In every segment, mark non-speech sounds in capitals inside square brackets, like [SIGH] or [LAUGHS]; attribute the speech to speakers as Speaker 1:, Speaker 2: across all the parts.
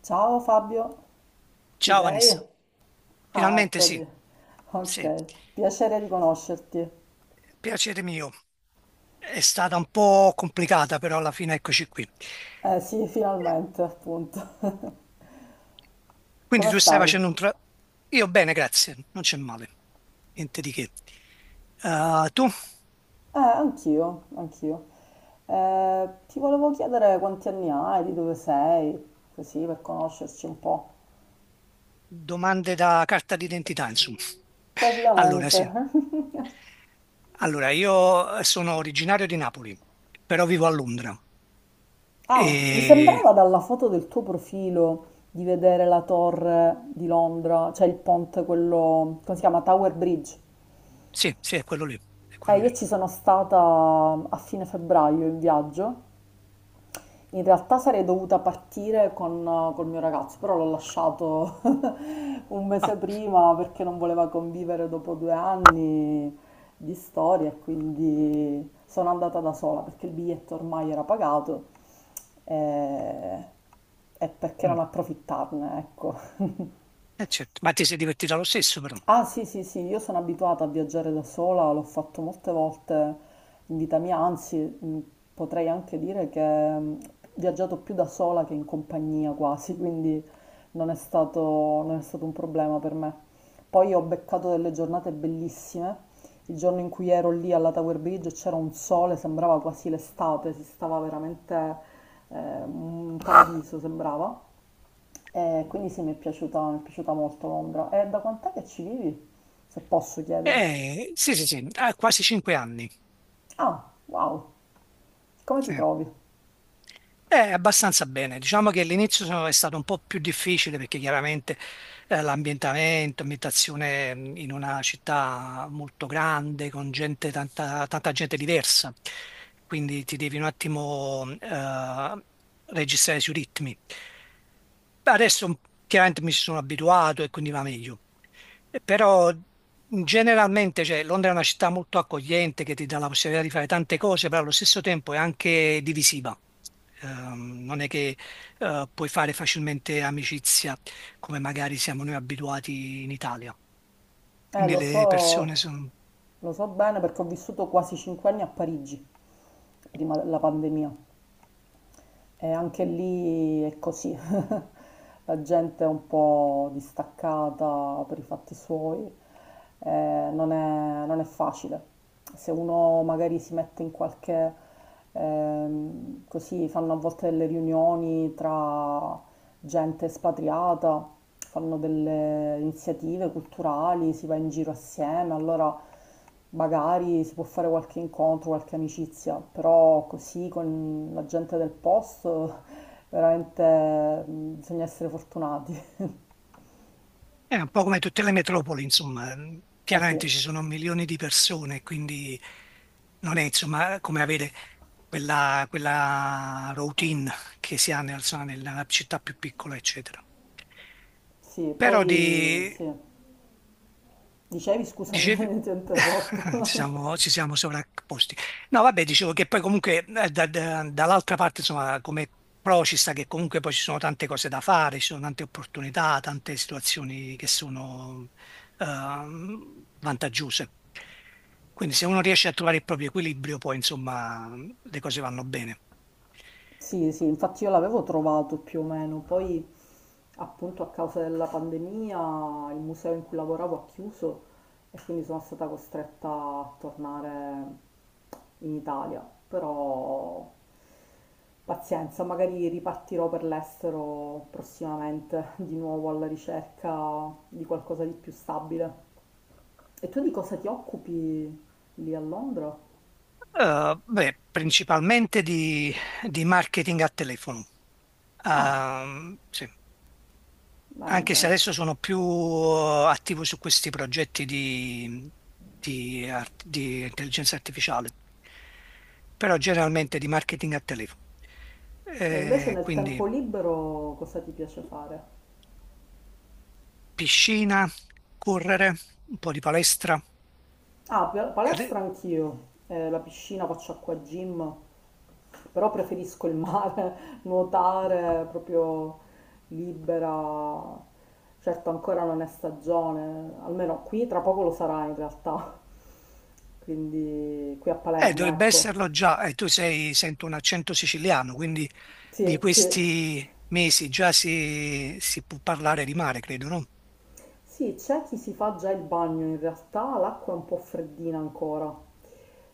Speaker 1: Ciao Fabio, ci
Speaker 2: Ciao
Speaker 1: sei?
Speaker 2: Vanessa,
Speaker 1: Ah,
Speaker 2: finalmente sì,
Speaker 1: eccoti.
Speaker 2: sì,
Speaker 1: Ok, piacere di conoscerti.
Speaker 2: piacere mio. È stata un po' complicata, però alla fine eccoci qui.
Speaker 1: Eh sì, finalmente, appunto. [LAUGHS]
Speaker 2: Quindi
Speaker 1: Come
Speaker 2: tu stai
Speaker 1: stai?
Speaker 2: facendo un tra... Io bene, grazie, non c'è male, niente di che. Tu?
Speaker 1: Anch'io, anch'io. Ti volevo chiedere quanti anni hai, di dove sei, così per conoscerci un po'.
Speaker 2: Domande da carta d'identità, insomma. Allora,
Speaker 1: Basicamente.
Speaker 2: sì.
Speaker 1: [LAUGHS]
Speaker 2: Allora, io sono originario di Napoli, però vivo a Londra.
Speaker 1: Ah, mi
Speaker 2: E
Speaker 1: sembrava dalla foto del tuo profilo di vedere la torre di Londra, cioè il ponte, quello, come si chiama? Tower Bridge.
Speaker 2: sì, sì, è quello lì, è quello
Speaker 1: Io
Speaker 2: lì.
Speaker 1: ci sono stata a fine febbraio in viaggio. In realtà sarei dovuta partire con, col mio ragazzo, però l'ho lasciato [LAUGHS] un
Speaker 2: Ah,
Speaker 1: mese prima perché non voleva convivere dopo 2 anni di storia, e quindi sono andata da sola perché il biglietto ormai era pagato eh, e perché
Speaker 2: mm,
Speaker 1: non approfittarne, ecco. [LAUGHS]
Speaker 2: certo. Ma ti sei divertito lo stesso, però.
Speaker 1: Ah sì, sì, sì, io sono abituata a viaggiare da sola, l'ho fatto molte volte in vita mia, anzi potrei anche dire che ho viaggiato più da sola che in compagnia quasi, [LAUGHS] quindi non è stato, non è stato un problema per me. Poi ho beccato delle giornate bellissime, il giorno in cui ero lì alla Tower Bridge c'era un sole, sembrava quasi l'estate, si stava veramente un paradiso, sembrava. E quindi sì, mi è piaciuta molto Londra. E da quant'è che ci vivi? Se posso chiedere.
Speaker 2: Sì, sì, sì, ah, quasi cinque anni.
Speaker 1: Ah, wow, come ti
Speaker 2: Sì.
Speaker 1: trovi?
Speaker 2: Abbastanza bene. Diciamo che all'inizio è stato un po' più difficile perché chiaramente l'ambientamento, ambientazione in una città molto grande, con gente, tanta, tanta gente diversa, quindi ti devi un attimo registrare sui ritmi. Adesso chiaramente mi ci sono abituato e quindi va meglio. Però generalmente, cioè, Londra è una città molto accogliente che ti dà la possibilità di fare tante cose, però allo stesso tempo è anche divisiva. Non è che puoi fare facilmente amicizia come magari siamo noi abituati in Italia.
Speaker 1: Eh,
Speaker 2: Quindi
Speaker 1: lo
Speaker 2: le
Speaker 1: so,
Speaker 2: persone sono...
Speaker 1: lo so bene perché ho vissuto quasi 5 anni a Parigi, prima della pandemia. E anche lì è così, [LAUGHS] la gente è un po' distaccata per i fatti suoi, non è facile. Se uno magari si mette in qualche, così fanno a volte delle riunioni tra gente espatriata, fanno delle iniziative culturali, si va in giro assieme, allora magari si può fare qualche incontro, qualche amicizia, però così con la gente del posto veramente bisogna essere fortunati.
Speaker 2: È un po' come tutte le metropoli, insomma.
Speaker 1: Eh sì,
Speaker 2: Chiaramente ci sono milioni di persone, quindi non è insomma come avere quella routine che si ha insomma, nella città più piccola, eccetera.
Speaker 1: sì,
Speaker 2: Però
Speaker 1: poi
Speaker 2: di,
Speaker 1: sì. Dicevi, scusami,
Speaker 2: dicevi,
Speaker 1: [LAUGHS] ti ho
Speaker 2: [LAUGHS] ci
Speaker 1: interrotto.
Speaker 2: siamo,
Speaker 1: [LAUGHS]
Speaker 2: ci siamo sovrapposti. No, vabbè, dicevo che poi comunque dall'altra parte, insomma, come pro ci sta che comunque poi ci sono tante cose da fare, ci sono tante opportunità, tante situazioni che sono vantaggiose. Quindi se uno riesce a trovare il proprio equilibrio, poi insomma le cose vanno bene.
Speaker 1: Sì, sì, infatti io l'avevo trovato più o meno, poi appunto a causa della pandemia il museo in cui lavoravo ha chiuso e quindi sono stata costretta a tornare in Italia, però pazienza, magari ripartirò per l'estero prossimamente di nuovo alla ricerca di qualcosa di più stabile. E tu di cosa ti occupi lì a Londra?
Speaker 2: Beh, principalmente di marketing a telefono.
Speaker 1: Ah,
Speaker 2: Sì.
Speaker 1: bene,
Speaker 2: Anche se
Speaker 1: bene.
Speaker 2: adesso sono più attivo su questi progetti di di intelligenza artificiale, però generalmente di marketing a telefono.
Speaker 1: E invece nel
Speaker 2: Quindi
Speaker 1: tempo libero cosa ti piace fare?
Speaker 2: piscina, correre, un po' di palestra.
Speaker 1: Ah,
Speaker 2: Ade-
Speaker 1: palestra anch'io, la piscina, faccio acqua gym, però preferisco il mare, [LAUGHS] nuotare proprio libera. Certo, ancora non è stagione, almeno qui tra poco lo sarà in realtà, [LAUGHS] quindi qui a Palermo,
Speaker 2: Dovrebbe
Speaker 1: ecco.
Speaker 2: esserlo già, tu sei, sento un accento siciliano, quindi di
Speaker 1: Sì, sì,
Speaker 2: questi mesi già si, si può parlare di mare, credo, no?
Speaker 1: sì, c'è chi si fa già il bagno, in realtà l'acqua è un po' freddina ancora.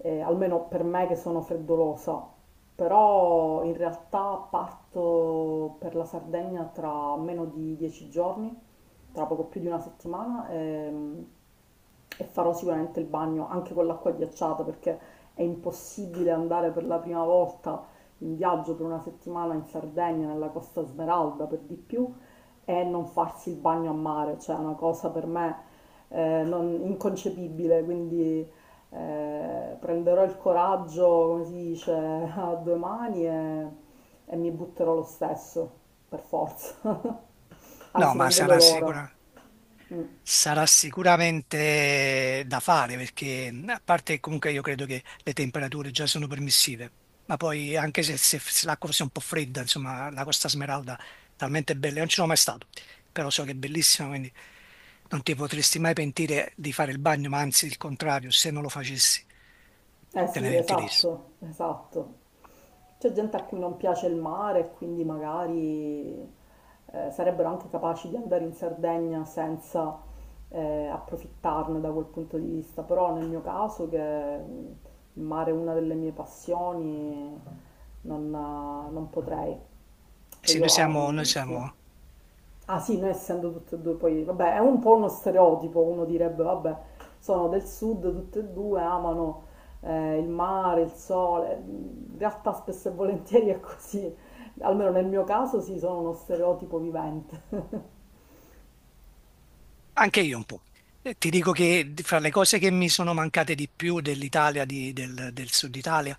Speaker 1: Almeno per me che sono freddolosa, però in realtà parto per la Sardegna tra meno di 10 giorni, tra poco più di una settimana, e farò sicuramente il bagno anche con l'acqua ghiacciata perché è impossibile andare per la prima volta in viaggio per una settimana in Sardegna, nella Costa Smeralda per di più, e non farsi il bagno a mare, cioè è una cosa per me inconcepibile, quindi prenderò il coraggio, come si dice, [LAUGHS] a due mani e mi butterò lo stesso, per forza. [LAUGHS]
Speaker 2: No,
Speaker 1: Anzi,
Speaker 2: ma
Speaker 1: non vedo
Speaker 2: sarà
Speaker 1: l'ora.
Speaker 2: sicuro. Sarà sicuramente da fare perché, a parte che comunque io credo che le temperature già sono permissive, ma poi anche se l'acqua fosse un po' fredda, insomma, la Costa Smeralda è talmente bella, io non ci sono mai stato, però so che è bellissima, quindi non ti potresti mai pentire di fare il bagno, ma anzi il contrario, se non lo facessi
Speaker 1: Eh
Speaker 2: te ne
Speaker 1: sì,
Speaker 2: pentiresti.
Speaker 1: esatto, esatto. C'è gente a cui non piace il mare e quindi magari sarebbero anche capaci di andare in Sardegna senza approfittarne da quel punto di vista, però nel mio caso che il mare è una delle mie passioni non, non potrei. Cioè
Speaker 2: Sì, noi
Speaker 1: io, ah,
Speaker 2: siamo, noi
Speaker 1: sì.
Speaker 2: siamo
Speaker 1: Ah sì, noi essendo tutte e due, poi, vabbè, è un po' uno stereotipo, uno direbbe, vabbè, sono del sud, tutte e due amano il mare, il sole, in realtà spesso e volentieri è così, almeno nel mio caso sì, sono uno stereotipo vivente. [LAUGHS]
Speaker 2: Anche io un po'. Ti dico che fra le cose che mi sono mancate di più dell'Italia, del sud Italia,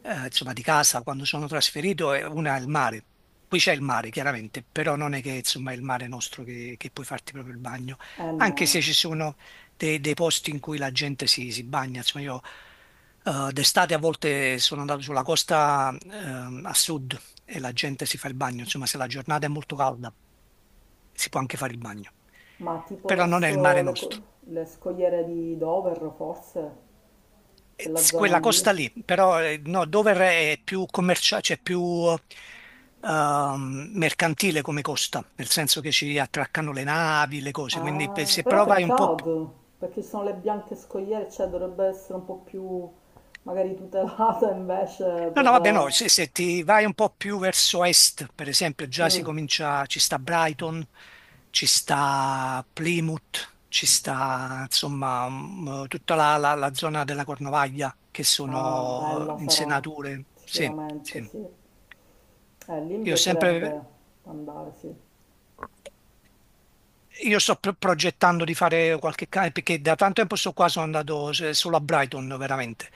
Speaker 2: insomma, di casa quando sono trasferito, e una è il mare. Qui c'è il mare, chiaramente, però non è che insomma, è il mare nostro che puoi farti proprio il bagno,
Speaker 1: Eh
Speaker 2: anche se
Speaker 1: no,
Speaker 2: ci sono dei posti in cui la gente si, si bagna. Insomma, io d'estate a volte sono andato sulla costa a sud e la gente si fa il bagno. Insomma, se la giornata è molto calda, si può anche fare il bagno,
Speaker 1: ma tipo
Speaker 2: però non è il
Speaker 1: verso
Speaker 2: mare
Speaker 1: le,
Speaker 2: nostro.
Speaker 1: le scogliere di Dover, forse, quella zona
Speaker 2: Quella
Speaker 1: lì.
Speaker 2: costa lì, però no, Dover è più commerciale, cioè più mercantile come costa, nel senso che ci attraccano le navi, le cose, quindi
Speaker 1: Ah,
Speaker 2: se
Speaker 1: però
Speaker 2: però vai un po' più...
Speaker 1: peccato, perché ci sono le bianche scoiere, cioè dovrebbe essere un po' più magari tutelata [LAUGHS] invece
Speaker 2: No, no, vabbè, no,
Speaker 1: per...
Speaker 2: se ti vai un po' più verso est, per esempio, già si
Speaker 1: Mm.
Speaker 2: comincia, ci sta Brighton, ci sta Plymouth, ci sta, insomma, tutta la zona della Cornovaglia, che
Speaker 1: Ah,
Speaker 2: sono
Speaker 1: bella sarà,
Speaker 2: insenature, sì,
Speaker 1: sicuramente
Speaker 2: sì.
Speaker 1: sì. Lì mi
Speaker 2: Io ho sempre
Speaker 1: piacerebbe andare, sì.
Speaker 2: Io sto progettando di fare qualche cane perché da tanto tempo sto qua, sono andato solo a Brighton veramente,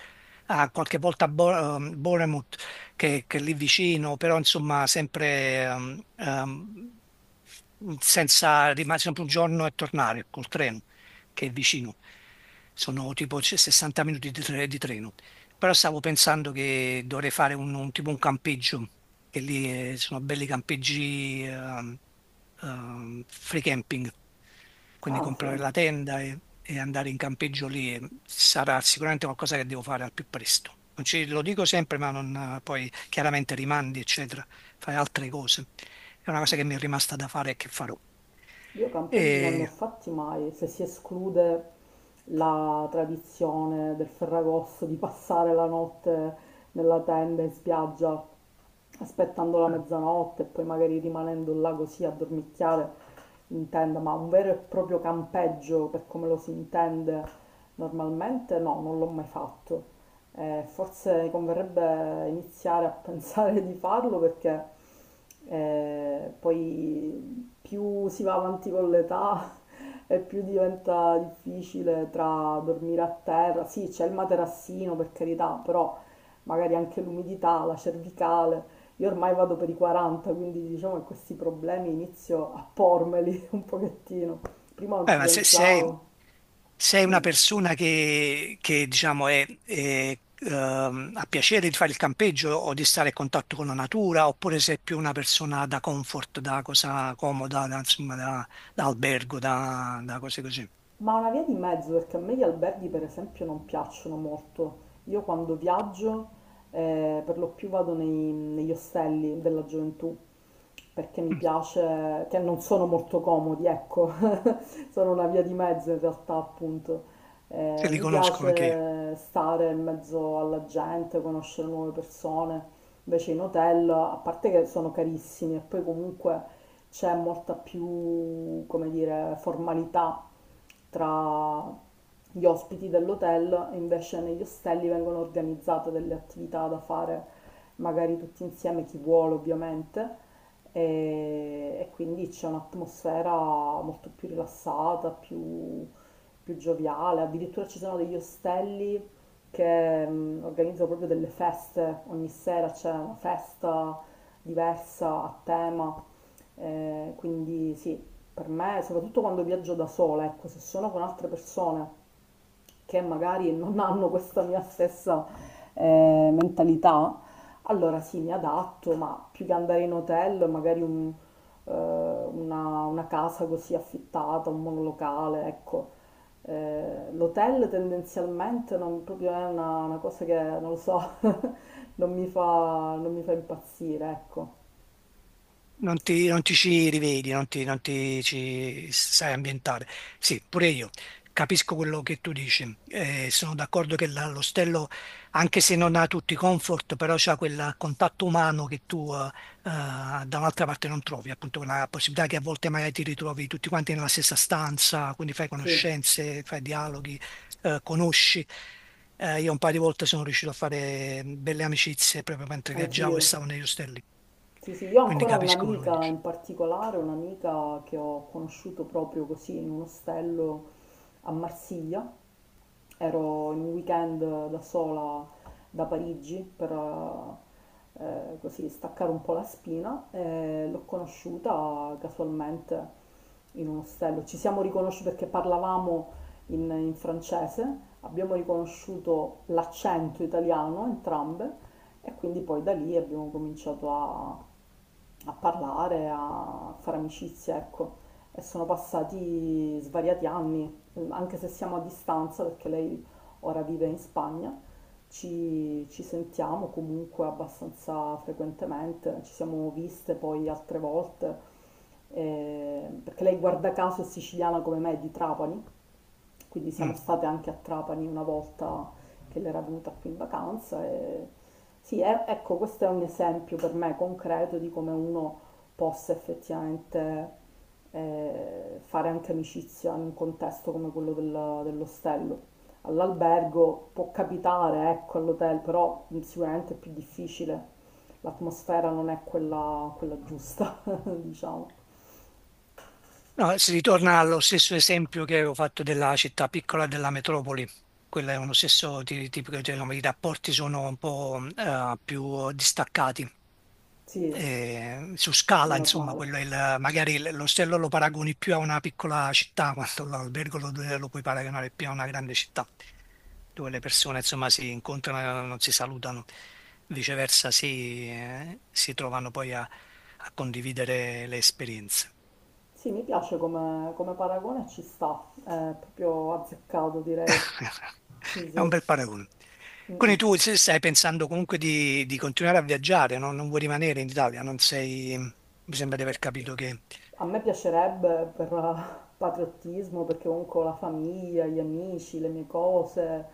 Speaker 2: Ah, qualche volta a Bournemouth che è lì vicino, però insomma sempre senza rimanere sempre un giorno e tornare col treno che è vicino. Sono tipo c- 60 minuti di, tre- di treno. Però stavo pensando che dovrei fare un tipo un campeggio, che lì sono belli campeggi free camping, quindi
Speaker 1: Ah, sì.
Speaker 2: comprare la tenda e andare in campeggio lì sarà sicuramente qualcosa che devo fare al più presto. Non ci- Lo dico sempre, ma non, poi chiaramente rimandi, eccetera, fai altre cose. È una cosa che mi è rimasta da fare e che farò.
Speaker 1: Io campeggi non ne ho
Speaker 2: E-
Speaker 1: fatti mai, se si esclude la tradizione del Ferragosto di passare la notte nella tenda in spiaggia aspettando la
Speaker 2: ah,
Speaker 1: mezzanotte e poi magari rimanendo là così a dormicchiare in tenda, ma un vero e proprio campeggio per come lo si intende normalmente no, non l'ho mai fatto. Forse converrebbe iniziare a [LAUGHS] pensare di farlo perché poi più si va avanti con l'età [LAUGHS] e più diventa difficile tra dormire a terra. Sì, c'è il materassino per carità, però magari anche l'umidità, la cervicale. Io ormai vado per i 40, quindi diciamo che questi problemi inizio a pormeli [LAUGHS] un pochettino. Prima non
Speaker 2: beh,
Speaker 1: ci
Speaker 2: ma se sei,
Speaker 1: pensavo.
Speaker 2: sei una persona che, diciamo, è, ha piacere di fare il campeggio o di stare a contatto con la natura, oppure sei più una persona da comfort, da cosa comoda, da, insomma, da, da albergo, da, da cose così.
Speaker 1: Ma una via di mezzo, perché a me gli alberghi per esempio non piacciono molto. Io quando viaggio per lo più vado negli ostelli della gioventù perché mi
Speaker 2: Mm,
Speaker 1: piace, che non sono molto comodi, ecco, [LAUGHS] sono una via di mezzo in realtà appunto.
Speaker 2: te li
Speaker 1: Mi
Speaker 2: conosco anche
Speaker 1: piace stare in mezzo alla gente, conoscere nuove persone. Invece in hotel, a parte che sono carissimi e poi comunque c'è molta più, come dire, formalità tra gli ospiti dell'hotel e invece negli ostelli vengono organizzate delle attività da fare magari tutti insieme, chi vuole ovviamente, e quindi c'è un'atmosfera molto più rilassata, più gioviale, addirittura ci sono degli ostelli che organizzano proprio delle feste, ogni sera c'è una festa diversa a tema, quindi sì, per me, soprattutto quando viaggio da sola, ecco, se sono con altre persone che magari non hanno questa mia stessa mentalità, allora sì, mi adatto, ma più che andare in hotel, una casa così affittata, un monolocale, ecco. L'hotel tendenzialmente non proprio è una cosa che, non lo so, [LAUGHS] non mi fa impazzire, ecco.
Speaker 2: non ti, non ti ci rivedi, non ti, non ti ci sai ambientare. Sì, pure io capisco quello che tu dici. Sono d'accordo che l'ostello, anche se non ha tutti i comfort, però c'ha quel contatto umano che tu da un'altra parte non trovi, appunto quella possibilità che a volte magari ti ritrovi tutti quanti nella stessa stanza, quindi fai
Speaker 1: Sì,
Speaker 2: conoscenze, fai dialoghi, conosci. Io un paio di volte sono riuscito a fare belle amicizie proprio mentre viaggiavo
Speaker 1: anch'io.
Speaker 2: e stavo negli ostelli,
Speaker 1: Sì, sì, io ho
Speaker 2: quindi
Speaker 1: ancora
Speaker 2: capisco quello che
Speaker 1: un'amica
Speaker 2: dici.
Speaker 1: in particolare, un'amica che ho conosciuto proprio così in un ostello a Marsiglia. Ero in un weekend da sola da Parigi per così staccare un po' la spina e l'ho conosciuta casualmente in un ostello. Ci siamo riconosciuti perché parlavamo in francese, abbiamo riconosciuto l'accento italiano entrambe e quindi poi da lì abbiamo cominciato a parlare, a fare amicizia, ecco. E sono passati svariati anni, anche se siamo a distanza, perché lei ora vive in Spagna, ci sentiamo comunque abbastanza frequentemente, ci siamo viste poi altre volte, perché lei guarda caso è siciliana come me, è di Trapani, quindi siamo
Speaker 2: Mm.
Speaker 1: state anche a Trapani una volta che l'era venuta qui in vacanza. E... ecco, questo è un esempio per me concreto di come uno possa effettivamente fare anche amicizia in un contesto come quello dell'ostello. All'albergo può capitare, ecco, all'hotel, però sicuramente è più difficile. L'atmosfera non è quella giusta, [LAUGHS] diciamo.
Speaker 2: No, si ritorna allo stesso esempio che avevo fatto della città piccola e della metropoli. Quello è uno stesso tipico, cioè, come i rapporti sono un po' più distaccati.
Speaker 1: Sì,
Speaker 2: Eh, su scala, insomma,
Speaker 1: normale.
Speaker 2: quello è il, magari l'ostello lo paragoni più a una piccola città, quanto l'albergo lo puoi paragonare più a una grande città, dove le persone, insomma, si incontrano e non si salutano, viceversa si, si trovano poi a condividere le esperienze.
Speaker 1: Sì, mi piace come paragone, ci sta, è proprio azzeccato direi.
Speaker 2: [LAUGHS]
Speaker 1: Sì,
Speaker 2: È
Speaker 1: sì.
Speaker 2: un bel paragone.
Speaker 1: Mm.
Speaker 2: Quindi tu se stai pensando comunque di continuare a viaggiare, no? Non vuoi rimanere in Italia, non sei, mi sembra di aver capito che
Speaker 1: A me piacerebbe per patriottismo, perché comunque ho la famiglia, gli amici, le mie cose,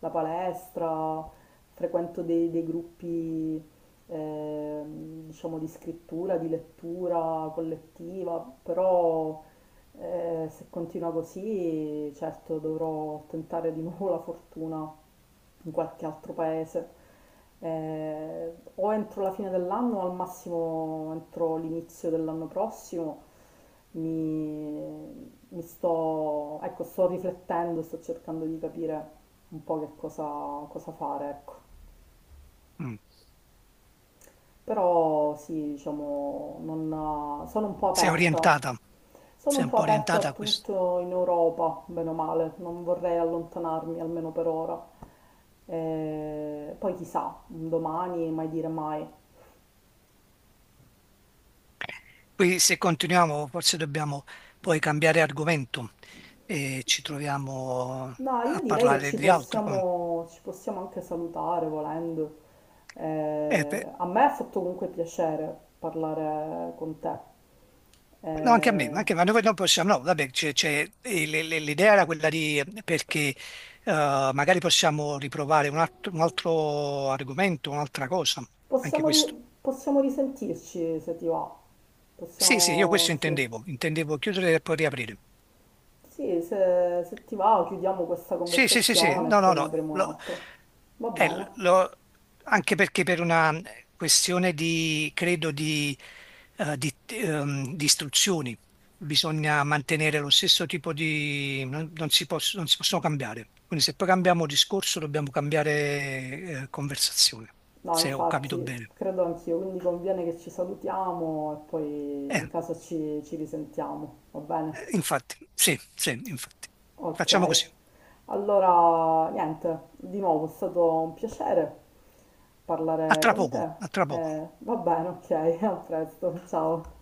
Speaker 1: la palestra, frequento dei gruppi, diciamo, di scrittura, di lettura collettiva, però se continua così, certo dovrò tentare di nuovo la fortuna in qualche altro paese, o entro la fine dell'anno o al massimo entro l'inizio dell'anno prossimo. Mi, mi sto, ecco, sto riflettendo, sto cercando di capire un po' cosa fare, ecco.
Speaker 2: mm,
Speaker 1: Però sì, diciamo, sono un po'
Speaker 2: sei
Speaker 1: aperta.
Speaker 2: orientata,
Speaker 1: Sono un
Speaker 2: sei un
Speaker 1: po'
Speaker 2: po'
Speaker 1: aperta a
Speaker 2: orientata a questo.
Speaker 1: tutto in Europa, bene o male, non vorrei allontanarmi almeno per ora. Poi chissà, un domani mai dire mai.
Speaker 2: Qui se continuiamo forse dobbiamo poi cambiare argomento e ci troviamo
Speaker 1: No, io
Speaker 2: a
Speaker 1: direi che
Speaker 2: parlare di altro. Come-
Speaker 1: ci possiamo anche salutare volendo.
Speaker 2: per-
Speaker 1: A me ha fatto comunque piacere parlare con te.
Speaker 2: no, anche a me,
Speaker 1: Eh,
Speaker 2: anche, ma noi non possiamo, no, vabbè, e l'idea era quella di, perché magari possiamo riprovare un altro argomento, un'altra cosa, anche questo.
Speaker 1: Possiamo risentirci se ti va.
Speaker 2: Sì, sì, io questo
Speaker 1: Possiamo, sì.
Speaker 2: intendevo, intendevo chiudere e poi riaprire.
Speaker 1: Sì, se ti va chiudiamo questa
Speaker 2: Sì, sì, sì, sì,
Speaker 1: conversazione e
Speaker 2: no, no,
Speaker 1: poi ne
Speaker 2: no,
Speaker 1: apriamo un'altra. Va
Speaker 2: eh,
Speaker 1: bene.
Speaker 2: lo- anche perché per una questione di, credo, di, di istruzioni bisogna mantenere lo stesso tipo di... non, non si possono cambiare. Quindi se poi cambiamo discorso dobbiamo cambiare, conversazione,
Speaker 1: No,
Speaker 2: se ho capito
Speaker 1: infatti,
Speaker 2: bene.
Speaker 1: credo anch'io, quindi conviene che ci salutiamo e poi in
Speaker 2: Eh,
Speaker 1: caso ci risentiamo. Va bene?
Speaker 2: Infatti, sì, sì, infatti. Facciamo
Speaker 1: Ok.
Speaker 2: così.
Speaker 1: Allora, niente, di nuovo è stato un piacere
Speaker 2: A
Speaker 1: parlare
Speaker 2: tra
Speaker 1: con
Speaker 2: poco,
Speaker 1: te.
Speaker 2: a tra poco.
Speaker 1: Va bene, ok, [LAUGHS] a presto, ciao.